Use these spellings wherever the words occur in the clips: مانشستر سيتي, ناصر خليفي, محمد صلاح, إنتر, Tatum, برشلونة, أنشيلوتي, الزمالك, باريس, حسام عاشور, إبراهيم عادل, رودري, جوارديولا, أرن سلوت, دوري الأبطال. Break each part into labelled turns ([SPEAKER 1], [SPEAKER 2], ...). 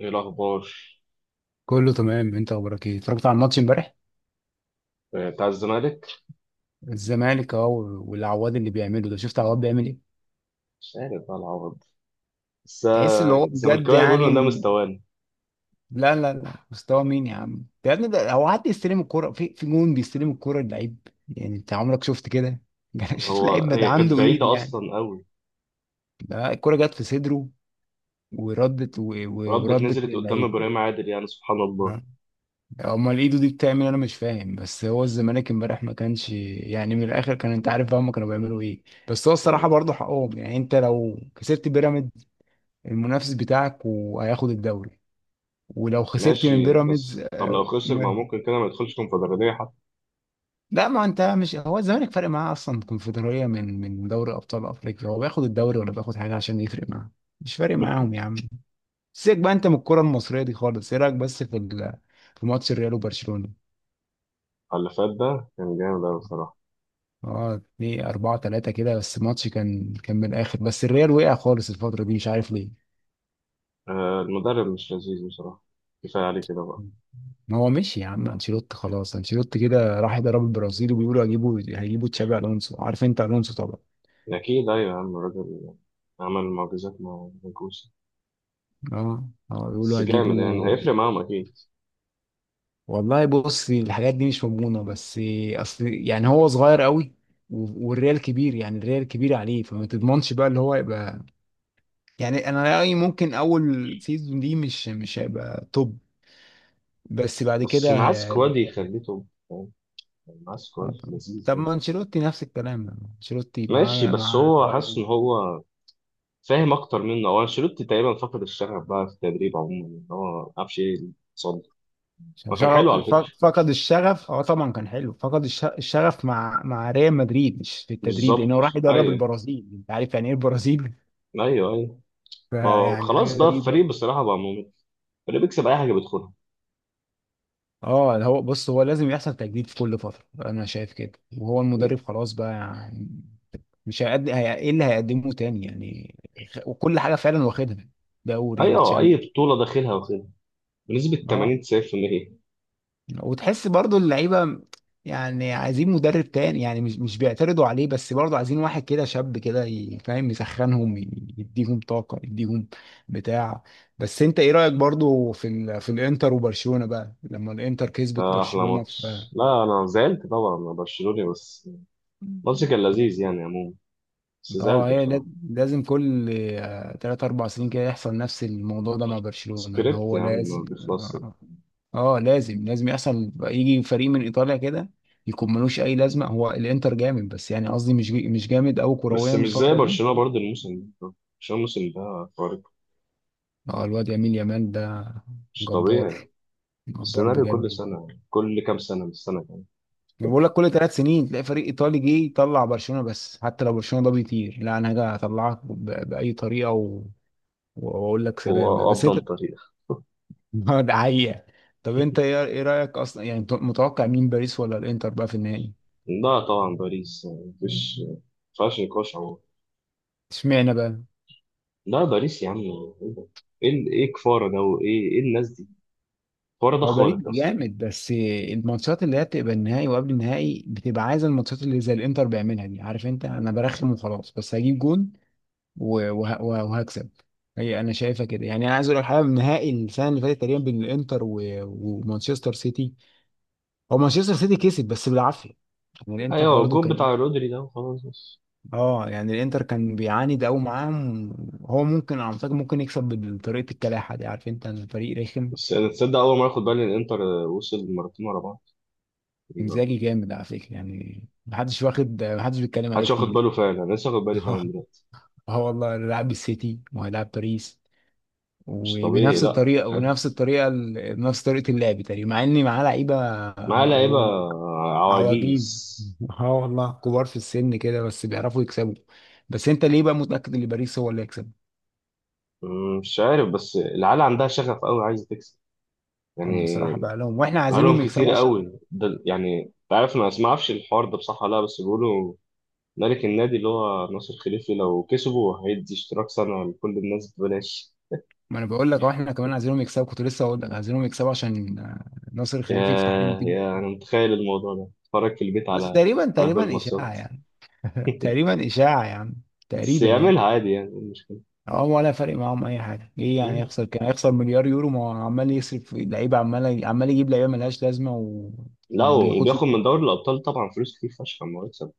[SPEAKER 1] ايه الاخبار؟
[SPEAKER 2] كله تمام، انت اخبارك ايه؟ اتفرجت على الماتش امبارح؟
[SPEAKER 1] آه، بتاع الزمالك.
[SPEAKER 2] الزمالك اهو، والعواد اللي بيعمله ده، شفت عواد بيعمل ايه؟
[SPEAKER 1] مش عارف بقى العوض. بس
[SPEAKER 2] تحس اللي هو بجد
[SPEAKER 1] الزملكاويه بيقولوا
[SPEAKER 2] يعني
[SPEAKER 1] ان ده مستواني.
[SPEAKER 2] لا لا لا، مستوى مين يا عم؟ ده يا ابني، ده هو حد يستلم الكرة في جون؟ بيستلم الكرة اللعيب، يعني انت عمرك شفت كده؟ شفت
[SPEAKER 1] هو
[SPEAKER 2] لعيب ما ده
[SPEAKER 1] هي كانت
[SPEAKER 2] عنده ايد
[SPEAKER 1] بعيده
[SPEAKER 2] يعني،
[SPEAKER 1] اصلا قوي.
[SPEAKER 2] ده الكرة جت في صدره وردت
[SPEAKER 1] ردت
[SPEAKER 2] وردت
[SPEAKER 1] نزلت قدام
[SPEAKER 2] للعيب.
[SPEAKER 1] ابراهيم عادل، يعني سبحان الله.
[SPEAKER 2] امال ايده دي بتعمل؟ انا مش فاهم. بس هو الزمالك امبارح ما كانش يعني من الاخر، كان انت عارف بقى هما كانوا بيعملوا ايه. بس هو الصراحه
[SPEAKER 1] يعني
[SPEAKER 2] برضه حقهم، يعني انت لو كسبت بيراميدز المنافس بتاعك وهياخد الدوري، ولو خسرت من
[SPEAKER 1] ماشي،
[SPEAKER 2] بيراميدز
[SPEAKER 1] بس طب لو خسر ما ممكن كده ما يدخلش كونفدراليه حتى.
[SPEAKER 2] لا، ما انت مش هو الزمالك فارق معاه اصلا كونفدراليه من دوري ابطال افريقيا، هو بياخد الدوري ولا بياخد حاجه عشان يفرق معاه؟ مش فارق معاهم يا عم. سيبك بقى انت من الكره المصريه دي خالص. ايه رايك بس في في ماتش الريال وبرشلونه؟
[SPEAKER 1] اللي فات ده كان جامد قوي بصراحه.
[SPEAKER 2] اه، اتنين أربعة تلاتة كده، بس الماتش كان من الآخر، بس الريال وقع خالص الفترة دي، مش عارف ليه.
[SPEAKER 1] آه، المدرب مش لذيذ بصراحه، كفايه عليه كده بقى.
[SPEAKER 2] ما هو مشي يا عم أنشيلوتي، خلاص أنشيلوتي كده راح يدرب البرازيل، وبيقولوا هيجيبوا تشابي ألونسو، عارف أنت ألونسو طبعا.
[SPEAKER 1] اكيد، ايوه يا عم الراجل. عمل معجزات مع الجوسي.
[SPEAKER 2] اه اه،
[SPEAKER 1] بس
[SPEAKER 2] بيقولوا
[SPEAKER 1] جامد، يعني
[SPEAKER 2] هيجيبوا.
[SPEAKER 1] هيفرق معاهم اكيد.
[SPEAKER 2] والله بص الحاجات دي مش مضمونة، بس أصل يعني هو صغير قوي، والريال كبير، يعني الريال كبير عليه، فما تضمنش بقى اللي هو يبقى، يعني أنا رأيي ممكن أول سيزون دي مش هيبقى توب، بس بعد
[SPEAKER 1] بس
[SPEAKER 2] كده
[SPEAKER 1] معاه سكواد يخليه توب، مع سكواد
[SPEAKER 2] آه، طب
[SPEAKER 1] لذيذ
[SPEAKER 2] طب
[SPEAKER 1] برضه.
[SPEAKER 2] ما انشيلوتي نفس الكلام يعني. انشيلوتي
[SPEAKER 1] ماشي،
[SPEAKER 2] مع
[SPEAKER 1] بس
[SPEAKER 2] مع
[SPEAKER 1] هو حاسس
[SPEAKER 2] طيب.
[SPEAKER 1] ان هو فاهم اكتر منه. هو انشيلوتي تقريبا فقد الشغف بقى في التدريب عموما، ان هو ما عرفش ايه اللي حصل له. ما كان حلو
[SPEAKER 2] شغف،
[SPEAKER 1] على فكره.
[SPEAKER 2] فقد الشغف، اه طبعا كان حلو. فقد الشغف مع ريال مدريد، مش في التدريب،
[SPEAKER 1] بالظبط.
[SPEAKER 2] لانه راح يدرب
[SPEAKER 1] ايوه.
[SPEAKER 2] البرازيل، انت عارف يعني ايه البرازيل.
[SPEAKER 1] ايوه ايوه. ما هو
[SPEAKER 2] فيعني حاجه
[SPEAKER 1] خلاص بقى
[SPEAKER 2] غريبه.
[SPEAKER 1] الفريق بصراحه بقى ممل. الفريق بيكسب اي حاجه بيدخلها.
[SPEAKER 2] اه، ده هو بص هو لازم يحصل تجديد في كل فتره، انا شايف كده، وهو المدرب خلاص بقى يعني، مش هيقدم. ايه اللي هيقدمه تاني يعني؟ وكل حاجه فعلا واخدها، دوري
[SPEAKER 1] ايوه، اي
[SPEAKER 2] وتشامبيونز.
[SPEAKER 1] بطوله داخلها واخدها، بنسبه
[SPEAKER 2] اه.
[SPEAKER 1] 80 90%.
[SPEAKER 2] وتحس برضو اللعيبه يعني عايزين مدرب تاني، يعني مش بيعترضوا عليه، بس برضو عايزين واحد كده شاب كده فاهم يسخنهم، يديهم طاقه، يديهم بتاع. بس انت ايه رايك برضو في في الانتر وبرشلونه بقى لما الانتر كسبت
[SPEAKER 1] ده احلى
[SPEAKER 2] برشلونه
[SPEAKER 1] ماتش. لا انا زعلت طبعا، انا برشلوني. بس الماتش كان لذيذ
[SPEAKER 2] في.
[SPEAKER 1] يعني عموما، بس
[SPEAKER 2] اه
[SPEAKER 1] زعلت
[SPEAKER 2] هي لا-
[SPEAKER 1] بصراحه.
[SPEAKER 2] لازم كل آه، تلات أربع سنين كده يحصل نفس الموضوع ده مع برشلونة، اللي
[SPEAKER 1] سكريبت
[SPEAKER 2] هو
[SPEAKER 1] يا عم
[SPEAKER 2] لازم
[SPEAKER 1] ما بيخلصش.
[SPEAKER 2] اه، آه، لازم لازم يحصل يجي فريق من إيطاليا كده يكون ملوش أي لازمة. هو الإنتر جامد، بس يعني قصدي مش جامد أوي
[SPEAKER 1] بس
[SPEAKER 2] كرويا
[SPEAKER 1] مش زي
[SPEAKER 2] الفترة دي.
[SPEAKER 1] برشلونة برضه الموسم ده. برشلونة الموسم ده خارق،
[SPEAKER 2] اه الواد يمين يامال ده
[SPEAKER 1] مش
[SPEAKER 2] جبار،
[SPEAKER 1] طبيعي.
[SPEAKER 2] جبار
[SPEAKER 1] السيناريو كل
[SPEAKER 2] بجد.
[SPEAKER 1] سنة، كل كام سنة من السنة يعني.
[SPEAKER 2] انا بقول لك كل ثلاث سنين تلاقي فريق ايطالي جه يطلع برشلونه، بس حتى لو برشلونه ده بيطير، لا انا هاجي اطلعك باي طريقه واقول لك سلام بقى،
[SPEAKER 1] هو
[SPEAKER 2] بس
[SPEAKER 1] أفضل
[SPEAKER 2] انت
[SPEAKER 1] طريق.
[SPEAKER 2] ده حقيقة. طب انت ايه رأيك اصلا، يعني انت متوقع مين، باريس ولا الانتر بقى في النهائي؟
[SPEAKER 1] لا طبعا باريس، يعني مفيش، مفيهاش نقاش عموما.
[SPEAKER 2] اشمعنى بقى؟
[SPEAKER 1] لا باريس يا عم، ايه ده؟ ايه كفارة ده، وايه الناس دي. كفارة ده
[SPEAKER 2] هو باريس
[SPEAKER 1] خارق اصلا.
[SPEAKER 2] جامد، بس الماتشات اللي هي بتبقى النهائي وقبل النهائي بتبقى عايزة الماتشات اللي زي الانتر بيعملها دي، عارف انت، انا برخم وخلاص بس هجيب جون وهكسب، هي انا شايفها كده يعني. انا عايز اقول لك حاجه، النهائي السنه اللي فاتت تقريبا بين الانتر ومانشستر سيتي، هو مانشستر سيتي كسب بس بالعافيه، يعني الانتر
[SPEAKER 1] ايوه،
[SPEAKER 2] برضو
[SPEAKER 1] الجون
[SPEAKER 2] كان ايه.
[SPEAKER 1] بتاع رودري ده وخلاص بس.
[SPEAKER 2] اه يعني الانتر كان بيعاند قوي معاهم، هو ممكن على فكره، ممكن يكسب بطريقه الكلاحه دي، عارف انت، الفريق رخم.
[SPEAKER 1] بس انا تصدق اول مرة اخد بالي ان انتر وصل مرتين ورا بعض. غريبة.
[SPEAKER 2] انزاجي جامد على فكره، يعني محدش واخد، محدش بيتكلم عليه
[SPEAKER 1] محدش واخد
[SPEAKER 2] كتير.
[SPEAKER 1] باله فعلا، انا لسه واخد بالي
[SPEAKER 2] اه،
[SPEAKER 1] فعلا دلوقتي.
[SPEAKER 2] آه والله لاعب السيتي وهيلاعب باريس
[SPEAKER 1] مش طبيعي،
[SPEAKER 2] وبنفس
[SPEAKER 1] لا.
[SPEAKER 2] الطريقه، وبنفس الطريقه نفس طريقه اللعب تقريبا، مع ان معاه لعيبه
[SPEAKER 1] معاه لعيبة
[SPEAKER 2] مقاولين،
[SPEAKER 1] عواجيز.
[SPEAKER 2] عواجيز. اه والله كبار في السن كده، بس بيعرفوا يكسبوا. بس انت ليه بقى متاكد ان باريس هو اللي هيكسب؟
[SPEAKER 1] مش عارف، بس العيال عندها شغف قوي عايزة تكسب
[SPEAKER 2] هم الصراحه
[SPEAKER 1] يعني.
[SPEAKER 2] بقى لهم، واحنا عايزينهم
[SPEAKER 1] بقالهم كتير
[SPEAKER 2] يكسبوا عشان،
[SPEAKER 1] قوي ده يعني، انت عارف، ما اعرفش الحوار ده بصح ولا لا، بس بيقولوا ملك النادي اللي هو ناصر خليفي لو كسبوا هيدي اشتراك سنة لكل الناس ببلاش.
[SPEAKER 2] ما انا بقول لك اهو، احنا كمان عايزينهم يكسبوا، كنت لسه اقول لك عايزينهم يكسبوا عشان آه، ناصر
[SPEAKER 1] يا
[SPEAKER 2] الخليفي يفتح لنا كده.
[SPEAKER 1] يا انا متخيل الموضوع ده، اتفرج في البيت
[SPEAKER 2] بس
[SPEAKER 1] على
[SPEAKER 2] تقريبا
[SPEAKER 1] على كل
[SPEAKER 2] تقريبا اشاعه
[SPEAKER 1] الماتشات.
[SPEAKER 2] يعني. تقريبا اشاعه يعني،
[SPEAKER 1] بس
[SPEAKER 2] تقريبا
[SPEAKER 1] يعملها
[SPEAKER 2] يعني.
[SPEAKER 1] عادي، يعني إيه المشكلة؟
[SPEAKER 2] اه ولا فارق معاهم اي حاجه، ايه يعني
[SPEAKER 1] مم.
[SPEAKER 2] يخسر؟ كان هيخسر مليار يورو، ما هو عمال يصرف في لعيبه، عمال عمال يجيب لعيبه ملهاش لازمه
[SPEAKER 1] لا،
[SPEAKER 2] وما بياخدش
[SPEAKER 1] وبياخد من
[SPEAKER 2] بطولات.
[SPEAKER 1] دوري الأبطال طبعا فلوس كتير فشخ أما يكسب.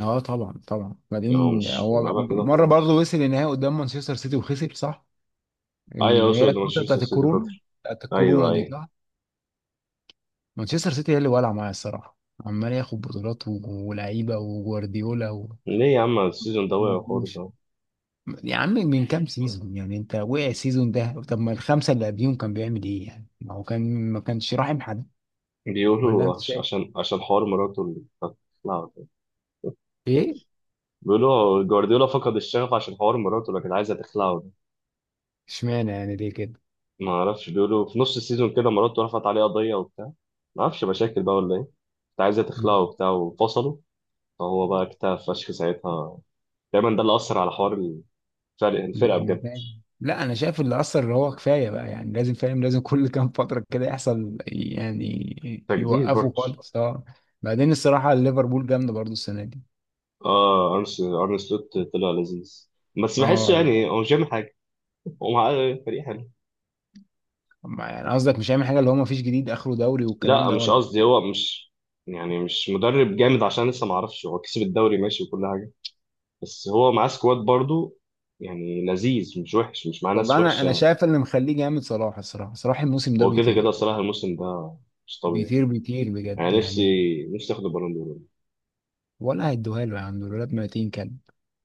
[SPEAKER 2] اه طبعا طبعا.
[SPEAKER 1] يعني هو
[SPEAKER 2] بعدين
[SPEAKER 1] مش
[SPEAKER 2] هو
[SPEAKER 1] بيلعبها كده
[SPEAKER 2] مره برضه
[SPEAKER 1] خلاص.
[SPEAKER 2] وصل النهائي قدام مانشستر سيتي وخسر، صح؟
[SPEAKER 1] ايوه،
[SPEAKER 2] اللي هي
[SPEAKER 1] اقصد
[SPEAKER 2] الفتره
[SPEAKER 1] مانشستر
[SPEAKER 2] بتاعت
[SPEAKER 1] سيتي
[SPEAKER 2] الكورونا،
[SPEAKER 1] خاطر.
[SPEAKER 2] بتاعت
[SPEAKER 1] ايوه
[SPEAKER 2] الكورونا دي،
[SPEAKER 1] ايوه.
[SPEAKER 2] صح. مانشستر سيتي هي اللي والعه معايا الصراحه، عمال ياخد بطولات ولعيبه وجوارديولا
[SPEAKER 1] ليه يا عم السيزون ده وقع
[SPEAKER 2] ومرموش.
[SPEAKER 1] خالص اهو؟
[SPEAKER 2] يا عم من كام سيزون يعني انت؟ وقع السيزون ده، طب ما الخمسه اللي قبليهم كان بيعمل ايه يعني؟ ما هو كان ما كانش راحم حد، ولا
[SPEAKER 1] بيقولوا
[SPEAKER 2] انت
[SPEAKER 1] عش-
[SPEAKER 2] شايف
[SPEAKER 1] عشان عشان حوار مراته اللي كانت تخلعه ده.
[SPEAKER 2] ايه؟
[SPEAKER 1] بيقولوا جوارديولا فقد الشغف عشان حوار مراته اللي كانت عايزه تخلعه ده.
[SPEAKER 2] اشمعنى يعني، ليه كده؟
[SPEAKER 1] ما اعرفش، بيقولوا في نص السيزون كده مراته رفعت عليه قضيه وبتاع. ما اعرفش مشاكل بقى ولا ايه كانت. عايزه تخلعه
[SPEAKER 2] مم.
[SPEAKER 1] وبتاع وفصلوا. فهو بقى اكتئب فشخ ساعتها. دايما ده اللي اثر على حوار الفرق، الفرقه
[SPEAKER 2] مم.
[SPEAKER 1] بجد.
[SPEAKER 2] فاهم. لا انا شايف اللي اثر اللي هو كفايه بقى يعني لازم فاهم، لازم كل كام فتره كده يحصل يعني
[SPEAKER 1] تجديد
[SPEAKER 2] يوقفوا
[SPEAKER 1] برضه.
[SPEAKER 2] خالص، اه. بعدين الصراحه ليفربول جامده برضو السنه دي.
[SPEAKER 1] اه، أرن سلوت طلع لذيذ. بس بحسه
[SPEAKER 2] اه لا،
[SPEAKER 1] يعني هو مش بيعمل حاجه. هو معاه فريق حلو.
[SPEAKER 2] ما يعني قصدك مش هيعمل حاجه اللي هو ما فيش جديد، اخره دوري والكلام
[SPEAKER 1] لا
[SPEAKER 2] ده
[SPEAKER 1] مش
[SPEAKER 2] ولا؟
[SPEAKER 1] قصدي هو مش، يعني مش مدرب جامد عشان لسه ما اعرفش، هو كسب الدوري ماشي وكل حاجه، بس هو معاه سكواد برضو، يعني لذيذ مش وحش، مش معاه ناس
[SPEAKER 2] والله انا، انا
[SPEAKER 1] وحشه.
[SPEAKER 2] شايف اللي مخليه جامد صلاح الصراحه، صلاح الموسم ده
[SPEAKER 1] هو كده كده
[SPEAKER 2] بيطير،
[SPEAKER 1] صراحه الموسم ده مش طبيعي.
[SPEAKER 2] بيطير بيطير بجد
[SPEAKER 1] يعني نفسي
[SPEAKER 2] يعني.
[SPEAKER 1] نفسي اخد البالون دور.
[SPEAKER 2] ولا هيدوها له يا عم؟ الولاد ميتين كلب.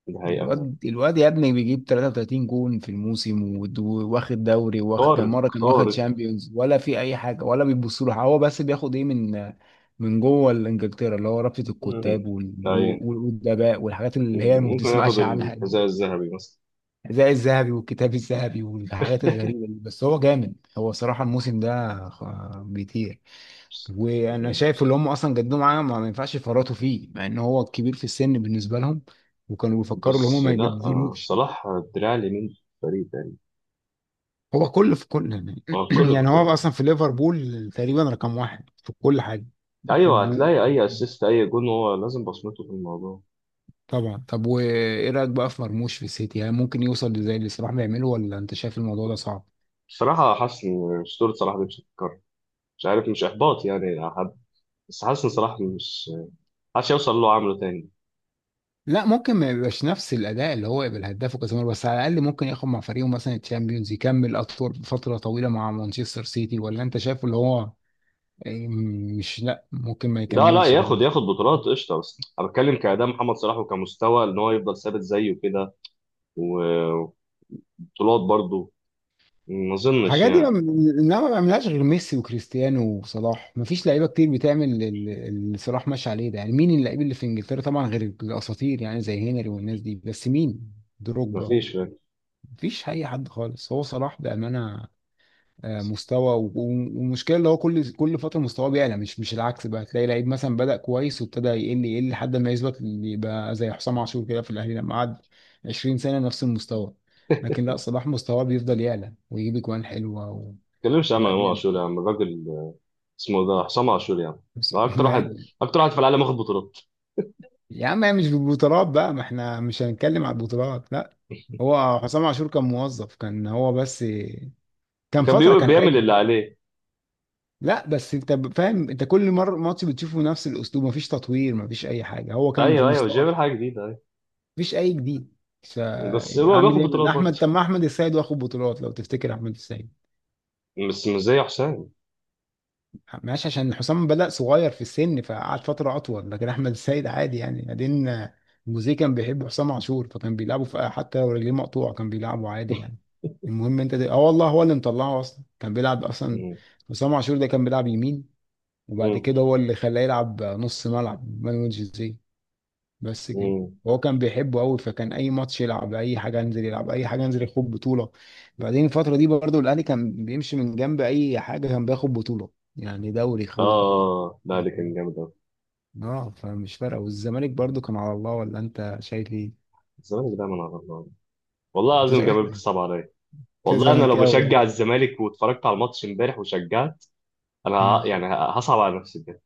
[SPEAKER 1] ده حقيقه.
[SPEAKER 2] الواد، الواد يا ابني بيجيب 33 جون في الموسم، واخد دوري، واخد كان
[SPEAKER 1] خارق
[SPEAKER 2] مره كان واخد
[SPEAKER 1] خارق.
[SPEAKER 2] شامبيونز، ولا في اي حاجه ولا بيبصوا له. هو بس بياخد ايه من، من جوه الانجلترا اللي هو رابطه
[SPEAKER 1] مم.
[SPEAKER 2] الكتاب
[SPEAKER 1] ايوه.
[SPEAKER 2] والادباء والحاجات اللي هي ما
[SPEAKER 1] ممكن ياخد
[SPEAKER 2] بتسمعش عنها.
[SPEAKER 1] الحذاء الذهبي مثلا.
[SPEAKER 2] زي الذهبي والكتاب الذهبي والحاجات الغريبة دي. بس هو جامد، هو صراحة الموسم ده بيطير. وانا شايف اللي هم اصلا جددوا معاه، ما ينفعش يفرطوا فيه، مع ان هو كبير في السن بالنسبة لهم، وكانوا بيفكروا ان هم
[SPEAKER 1] بس
[SPEAKER 2] ما
[SPEAKER 1] لا،
[SPEAKER 2] يجددوش.
[SPEAKER 1] صلاح الدراع اليمين، فريق تقريبا.
[SPEAKER 2] هو كل في كل يعني.
[SPEAKER 1] اه كله في
[SPEAKER 2] يعني
[SPEAKER 1] كله.
[SPEAKER 2] هو اصلا في ليفربول تقريبا رقم واحد في كل حاجة،
[SPEAKER 1] ايوه،
[SPEAKER 2] بيحبوه.
[SPEAKER 1] هتلاقي اي اسيست اي جون هو لازم بصمته في الموضوع.
[SPEAKER 2] طبعا. طب وايه رايك بقى في مرموش في السيتي؟ هل ممكن يوصل زي اللي صلاح بيعمله، ولا انت شايف الموضوع ده صعب؟
[SPEAKER 1] بصراحه حاسس ان اسطوره صلاح دي مش هتتكرر. مش عارف، مش احباط يعني حد، بس حاسس ان صلاح مش حاسس يوصل اللي هو عامله تاني.
[SPEAKER 2] لا ممكن ما يبقاش نفس الاداء اللي هو يبقى الهداف وكذا مره، بس على الاقل ممكن ياخد مع فريقه مثلا الشامبيونز، يكمل اطول فتره طويله مع مانشستر سيتي، ولا انت شايفه اللي هو إيه، مش لا ممكن ما
[SPEAKER 1] ده لا
[SPEAKER 2] يكملش كمان.
[SPEAKER 1] ياخد ياخد بطولات قشطه، بس انا بتكلم كاداء محمد صلاح وكمستوى ان هو يفضل ثابت زيه كده، و- وبطولات برضه. ما اظنش
[SPEAKER 2] الحاجات دي ما
[SPEAKER 1] يعني.
[SPEAKER 2] انما ما بيعملهاش غير ميسي وكريستيانو وصلاح، ما فيش لعيبه كتير بتعمل اللي صلاح ماشي عليه ده، يعني مين اللعيب اللي في انجلترا طبعا غير الاساطير يعني زي هنري والناس دي، بس مين؟
[SPEAKER 1] ما
[SPEAKER 2] دروجبا.
[SPEAKER 1] فيش، فاهم؟ ما
[SPEAKER 2] مفيش اي حد خالص، هو صلاح بامانه آه، مستوى والمشكله اللي هو كل فتره مستواه بيعلى، مش العكس بقى، تلاقي لعيب مثلا بدأ كويس وابتدى يقل يقل لحد ما يثبت اللي يبقى زي حسام عاشور كده في الاهلي لما قعد 20 سنه نفس المستوى. لكن لا، صلاح مستواه بيفضل يعلى ويجيب اجوان حلوه
[SPEAKER 1] تتكلمش عن
[SPEAKER 2] لا
[SPEAKER 1] امام
[SPEAKER 2] جامد
[SPEAKER 1] عاشور يا عم الراجل، اسمه ده حسام عاشور يا عم.
[SPEAKER 2] بس.
[SPEAKER 1] ده اكتر
[SPEAKER 2] ما...
[SPEAKER 1] واحد، اكتر واحد في العالم واخد بطولات.
[SPEAKER 2] يا عم هي مش بالبطولات بقى، ما احنا مش هنتكلم على البطولات لا. هو حسام عاشور كان موظف، كان هو بس، كان
[SPEAKER 1] كان
[SPEAKER 2] فتره
[SPEAKER 1] بيقول-
[SPEAKER 2] كان
[SPEAKER 1] بيعمل
[SPEAKER 2] حلو.
[SPEAKER 1] اللي عليه.
[SPEAKER 2] لا بس انت فاهم، انت كل مره ماتش بتشوفه نفس الاسلوب، مفيش تطوير مفيش اي حاجه، هو كان في
[SPEAKER 1] ايوه ايوه، مش
[SPEAKER 2] مستوى،
[SPEAKER 1] بيعمل حاجه جديده.
[SPEAKER 2] مفيش اي جديد.
[SPEAKER 1] بس هو
[SPEAKER 2] فاعمل
[SPEAKER 1] باخد
[SPEAKER 2] ايه؟ ده
[SPEAKER 1] بطولات برضه،
[SPEAKER 2] احمد، طب ما احمد السيد واخد بطولات لو تفتكر احمد السيد.
[SPEAKER 1] بس مش زي حسام.
[SPEAKER 2] ماشي عشان حسام بدأ صغير في السن فقعد فتره اطول، لكن احمد السيد عادي يعني. بعدين آه، جوزيه كان بيحب حسام عاشور، فكان بيلعبه في حتى لو رجليه مقطوعه كان بيلعبه عادي يعني. المهم انت اه والله هو اللي مطلعه اصلا، كان بيلعب اصلا
[SPEAKER 1] مم.
[SPEAKER 2] حسام عاشور ده كان بيلعب يمين، وبعد
[SPEAKER 1] مم.
[SPEAKER 2] كده هو اللي خلاه يلعب نص ملعب مانويل جوزيه. بس كده.
[SPEAKER 1] مم.
[SPEAKER 2] هو كان بيحبه قوي، فكان اي ماتش يلعب اي حاجه انزل، يلعب اي حاجه انزل، ياخد بطوله. بعدين الفتره دي برضو الاهلي كان بيمشي من جنب اي حاجه كان بياخد بطوله، يعني دوري خد،
[SPEAKER 1] اه، لا ده كان
[SPEAKER 2] ياخد.
[SPEAKER 1] جامد قوي.
[SPEAKER 2] اه فمش فارقه. والزمالك برضو كان على الله، ولا انت شايف ايه؟
[SPEAKER 1] الزمالك دايما على الله. والله
[SPEAKER 2] انت
[SPEAKER 1] العظيم
[SPEAKER 2] شايف
[SPEAKER 1] جمال
[SPEAKER 2] ايه؟
[SPEAKER 1] بتصعب عليا.
[SPEAKER 2] انت
[SPEAKER 1] والله انا لو
[SPEAKER 2] زملكاوي
[SPEAKER 1] بشجع
[SPEAKER 2] يعني؟
[SPEAKER 1] الزمالك واتفرجت على الماتش امبارح وشجعت، انا
[SPEAKER 2] مم.
[SPEAKER 1] ه- يعني ه- هصعب على نفسي بجد.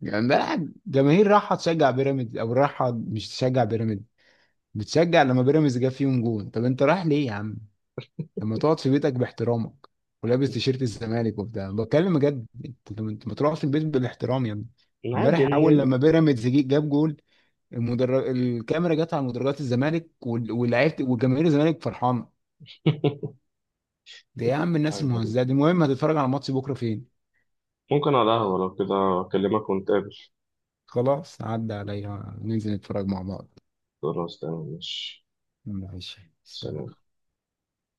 [SPEAKER 2] يعني ده جماهير رايحه تشجع بيراميدز او رايحه مش تشجع بيراميدز، بتشجع لما بيراميدز جاب فيهم جون. طب انت رايح ليه يا عم؟ لما تقعد في بيتك باحترامك، ولابس تيشيرت الزمالك وبتاع، بتكلم بجد، انت انت ما تقعد في البيت بالاحترام يا ابني.
[SPEAKER 1] عادي
[SPEAKER 2] امبارح اول
[SPEAKER 1] إن-.
[SPEAKER 2] لما بيراميدز جاب جول، الكاميرا جت على مدرجات الزمالك واللعيبه، وجماهير الزمالك فرحانه. ده يا عم الناس
[SPEAKER 1] حاجة غريبة.
[SPEAKER 2] المهزأه دي. المهم هتتفرج على الماتش بكره فين؟
[SPEAKER 1] ممكن على القهوة، لو كده اكلمك ونتقابل.
[SPEAKER 2] خلاص عدى عليا ننزل نتفرج مع بعض.
[SPEAKER 1] خلاص تمام، ماشي.
[SPEAKER 2] ماشي، سلام.
[SPEAKER 1] سلام.